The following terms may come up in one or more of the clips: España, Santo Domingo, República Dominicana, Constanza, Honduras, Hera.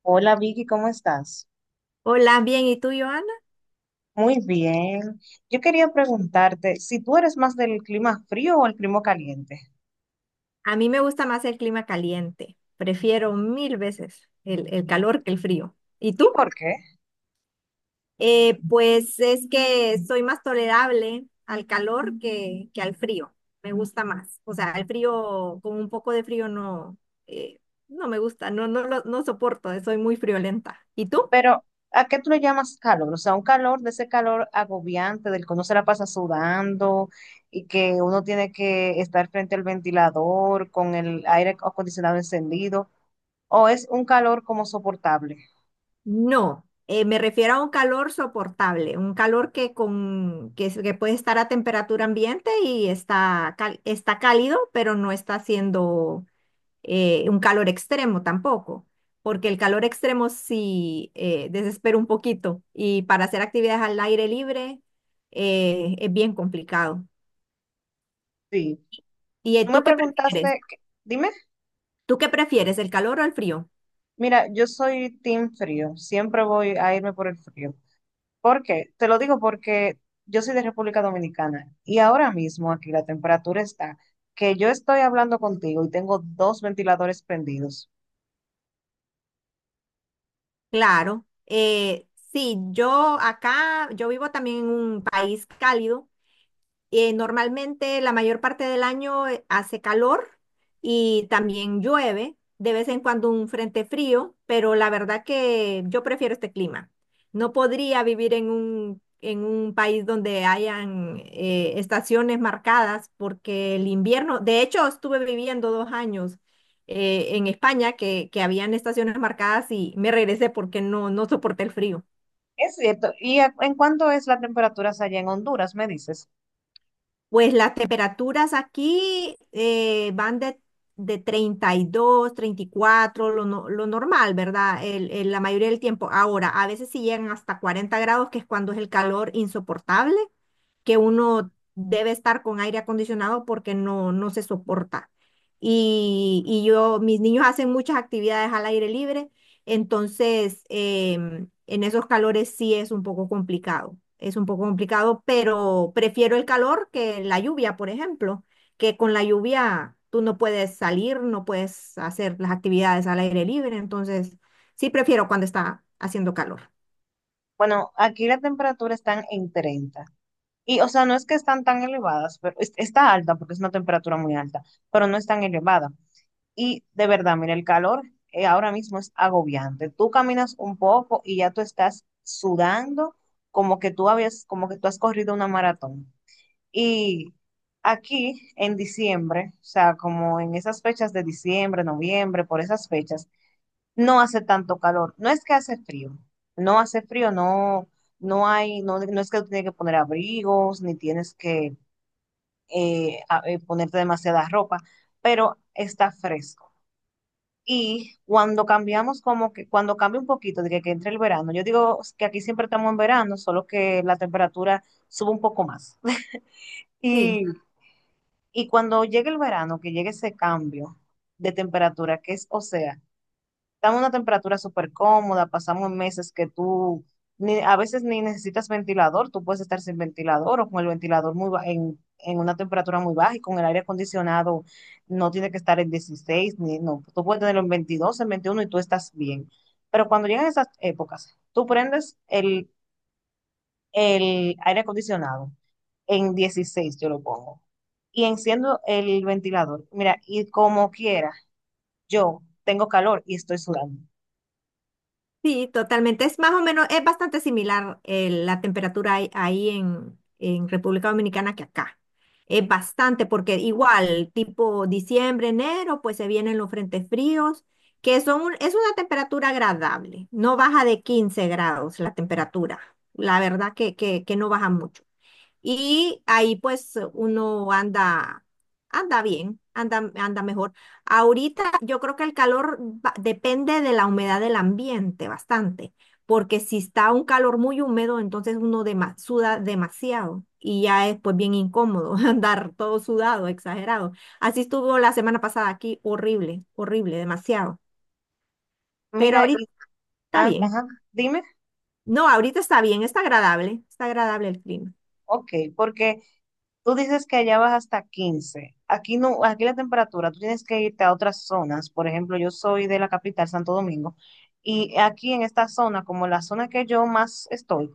Hola Vicky, ¿cómo estás? Hola, bien, ¿y tú, Joana? Muy bien. Yo quería preguntarte si tú eres más del clima frío o el clima caliente. A mí me gusta más el clima caliente. Prefiero mil veces el ¿Y, calor que el frío. ¿Y y tú? por qué? Pues es que soy más tolerable al calor que al frío. Me gusta más. O sea, el frío, con un poco de frío no, eh, no me gusta, no, no, no soporto, soy muy friolenta. ¿Y tú? Pero, ¿a qué tú le llamas calor? O sea, un calor de ese calor agobiante del que uno se la pasa sudando y que uno tiene que estar frente al ventilador con el aire acondicionado encendido. ¿O es un calor como soportable? No, me refiero a un calor soportable, un calor que, con, que, es- que puede estar a temperatura ambiente y está cálido, pero no está haciendo un calor extremo tampoco, porque el calor extremo sí desespera un poquito y para hacer actividades al aire libre es bien complicado. Sí. ¿Y Tú me tú qué prefieres? preguntaste, dime. ¿Tú qué prefieres, el calor o el frío? Mira, yo soy team frío, siempre voy a irme por el frío. ¿Por qué? Te lo digo porque yo soy de República Dominicana y ahora mismo aquí la temperatura está que yo estoy hablando contigo y tengo dos ventiladores prendidos. Claro, sí, yo acá, yo vivo también en un país cálido. Normalmente la mayor parte del año hace calor y también llueve, de vez en cuando un frente frío, pero la verdad que yo prefiero este clima. No podría vivir en un país donde hayan estaciones marcadas porque el invierno, de hecho estuve viviendo 2 años en España que habían estaciones marcadas y me regresé porque no, no soporté el frío. Es cierto. ¿Y en cuánto es la temperatura allá en Honduras, me dices? Pues las temperaturas aquí van de 32, 34, lo, no- lo normal, ¿verdad? La mayoría del tiempo. Ahora, a veces sí llegan hasta 40 grados, que es cuando es el calor insoportable, que uno debe estar con aire acondicionado porque no, no se soporta. Y yo, mis niños hacen muchas actividades al aire libre entonces, en esos calores sí es un poco complicado, es un poco complicado, pero prefiero el calor que la lluvia, por ejemplo, que con la lluvia tú no puedes salir, no puedes hacer las actividades al aire libre, entonces sí prefiero cuando está haciendo calor. Bueno, aquí la temperatura están en 30. Y, o sea, no es que están tan elevadas, pero es- está alta porque es una temperatura muy alta, pero no es tan elevada. Y de verdad, mira, el calor ahora mismo es agobiante. Tú caminas un poco y ya tú estás sudando como que tú has corrido una maratón. Y aquí en diciembre, o sea, como en esas fechas de diciembre, noviembre, por esas fechas, no hace tanto calor. No es que hace frío, no, no hay, no, no es que tú tienes que poner abrigos, ni tienes que ponerte demasiada ropa, pero está fresco. Y cuando cambiamos, como que cuando cambia un poquito, de que, entre el verano, yo digo que aquí siempre estamos en verano, solo que la temperatura sube un poco más. Sí. Y, y cuando llegue el verano, que llegue ese cambio de temperatura, que es, o sea, estamos en una temperatura súper cómoda, pasamos meses que tú ni, a veces ni necesitas ventilador, tú puedes estar sin ventilador o con el ventilador muy en una temperatura muy baja y con el aire acondicionado no tiene que estar en 16 ni, no, tú puedes tenerlo en 22, en 21 y tú estás bien. Pero cuando llegan esas épocas, tú prendes el aire acondicionado en 16 yo lo pongo, y enciendo el ventilador. Mira, y como quiera, yo tengo calor y estoy sudando. Sí, totalmente. Es más o menos, es bastante similar la temperatura ahí en República Dominicana que acá. Es bastante, porque igual, tipo diciembre, enero, pues se vienen los frentes fríos, que son es una temperatura agradable. No baja de 15 grados la temperatura. La verdad que no baja mucho. Y ahí pues uno anda, anda bien, anda, anda mejor. Ahorita yo creo que el calor depende de la humedad del ambiente bastante, porque si está un calor muy húmedo, entonces uno suda demasiado y ya es pues bien incómodo andar todo sudado, exagerado. Así estuvo la semana pasada aquí, horrible, horrible, demasiado. Pero Mira, ahorita está ah, bien. ajá, dime. No, ahorita está bien, está agradable el clima. Ok, porque tú dices que allá vas hasta 15. Aquí no, aquí la temperatura, tú tienes que irte a otras zonas. Por ejemplo, yo soy de la capital, Santo Domingo, y aquí en esta zona, como la zona que yo más estoy,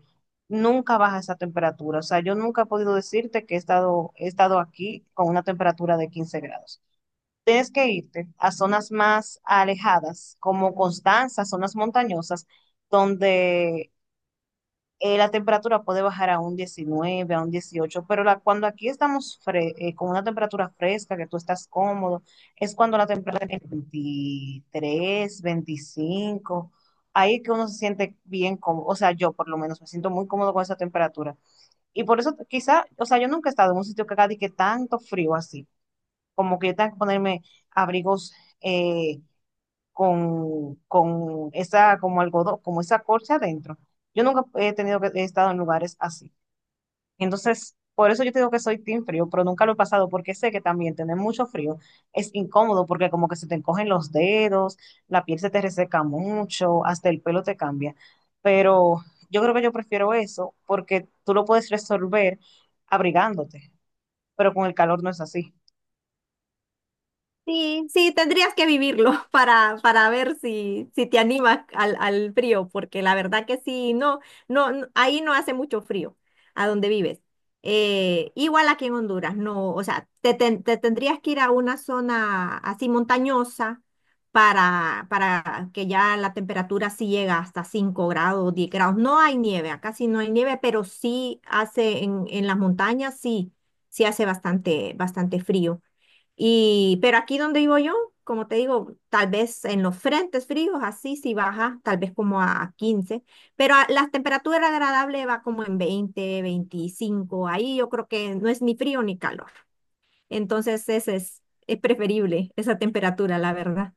nunca baja esa temperatura. O sea, yo nunca he podido decirte que he estado aquí con una temperatura de 15 grados. Tienes que irte a zonas más alejadas, como Constanza, zonas montañosas, donde la temperatura puede bajar a un 19 a un 18, pero cuando aquí estamos con una temperatura fresca, que tú estás cómodo, es cuando la temperatura es 23, 25, ahí que uno se siente bien cómodo. O sea, yo por lo menos me siento muy cómodo con esa temperatura. Y por eso quizá, o sea, yo nunca he estado en un sitio que haga de que tanto frío así, como que yo tenga que ponerme abrigos eh, con esa, como algodón, como esa corcha adentro. Yo nunca he tenido que, he estado en lugares así. Entonces, por eso yo te digo que soy team frío, pero nunca lo he pasado porque sé que también tener mucho frío es incómodo porque como que se te encogen los dedos, la piel se te reseca mucho, hasta el pelo te cambia. Pero yo creo que yo prefiero eso porque tú lo puedes resolver abrigándote, pero con el calor no es así. Sí, sí, tendrías que vivirlo para ver si te animas al frío, porque la verdad que sí, no, no, ahí no hace mucho frío a donde vives. Igual aquí en Honduras, no, o sea, te tendrías que ir a una zona así montañosa para que ya la temperatura sí llega hasta 5 grados, 10 grados. No hay nieve, acá sí no hay nieve, pero sí hace en las montañas, sí, sí hace bastante, bastante frío. Y, pero aquí donde vivo yo, como te digo, tal vez en los frentes fríos, así sí baja, tal vez como a 15, pero la temperatura agradable va como en 20, 25, ahí yo creo que no es ni frío ni calor. Entonces ese es preferible, esa temperatura, la verdad.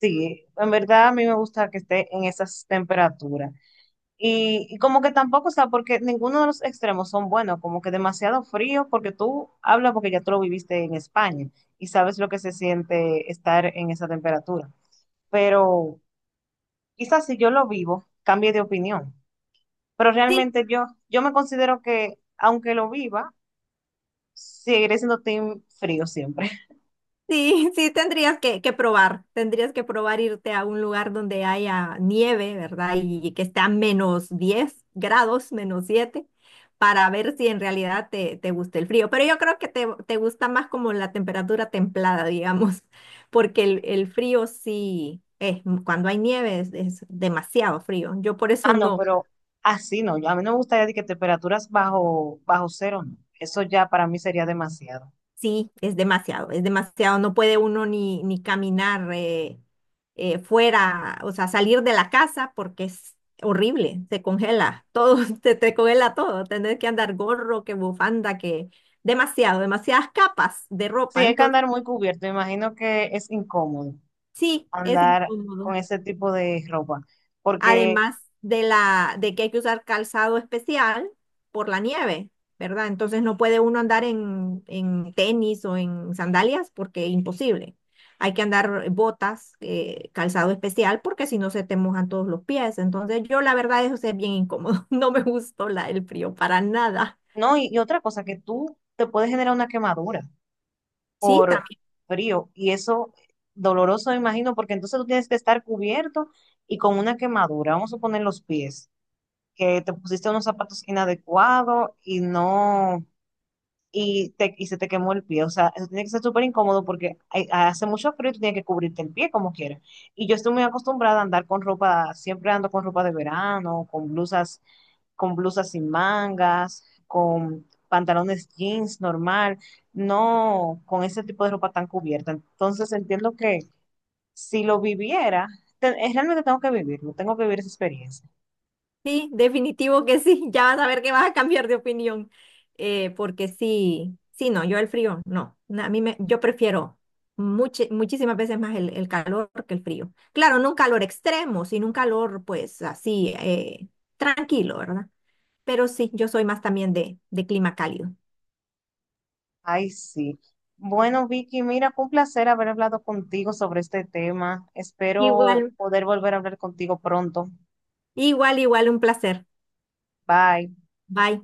Sí, en verdad a mí me gusta que esté en esas temperaturas. Y como que tampoco, o sea, porque ninguno de los extremos son buenos, como que demasiado frío, porque tú hablas porque ya tú lo viviste en España y sabes lo que se siente estar en esa temperatura. Pero quizás si yo lo vivo, cambie de opinión. Pero Sí. realmente yo me considero que, aunque lo viva, seguiré siendo team frío siempre. Sí, sí, tendrías que probar, tendrías que probar irte a un lugar donde haya nieve, ¿verdad? Y que esté a -10 grados, -7, para ver si en realidad te gusta el frío. Pero yo creo que te gusta más como la temperatura templada, digamos, porque el, el frío sí, cuando hay nieve es demasiado frío. Yo por eso Ah, no, no. pero así no, a mí no me gustaría de que temperaturas bajo cero, no. Eso ya para mí sería demasiado. Sí, es demasiado, es demasiado. No puede uno ni caminar fuera, o sea, salir de la casa porque es horrible, se congela todo, te congela todo. Tener que andar gorro, que bufanda, que demasiado, demasiadas capas de ropa. Sí, hay que Entonces, andar muy cubierto. Me imagino que es incómodo sí, es andar incómodo. con ese tipo de ropa. Porque, Además de que hay que usar calzado especial por la nieve, ¿verdad? Entonces no puede uno andar en tenis o en sandalias porque imposible. Hay que andar botas, calzado especial, porque si no se te mojan todos los pies. Entonces yo la verdad eso sí es bien incómodo. No me gustó la, el frío para nada. no, y otra cosa, que tú te puedes generar una quemadura Sí, por también. frío. Y eso doloroso, me imagino, porque entonces tú tienes que estar cubierto y con una quemadura. Vamos a poner los pies, que te pusiste unos zapatos inadecuados y no. Y se te quemó el pie. O sea, eso tiene que ser súper incómodo porque hace mucho frío y tú tienes que cubrirte el pie como quieras. Y yo estoy muy acostumbrada a andar con ropa, siempre ando con ropa de verano, con blusas sin mangas, con pantalones jeans normal, no con ese tipo de ropa tan cubierta. Entonces entiendo que si lo viviera, realmente tengo que vivirlo, tengo que vivir esa experiencia. Sí, definitivo que sí. Ya vas a ver que vas a cambiar de opinión. Porque sí, sí, no, yo el frío, no. A mí me, yo prefiero muchísimas veces más el calor que el frío. Claro, no un calor extremo, sino un calor pues así, tranquilo, ¿verdad? Pero sí, yo soy más también de clima cálido. Ay, sí. Bueno, Vicky, mira, fue un placer haber hablado contigo sobre este tema. Espero Igual, poder volver a hablar contigo pronto. igual, igual, un placer. Bye. Bye.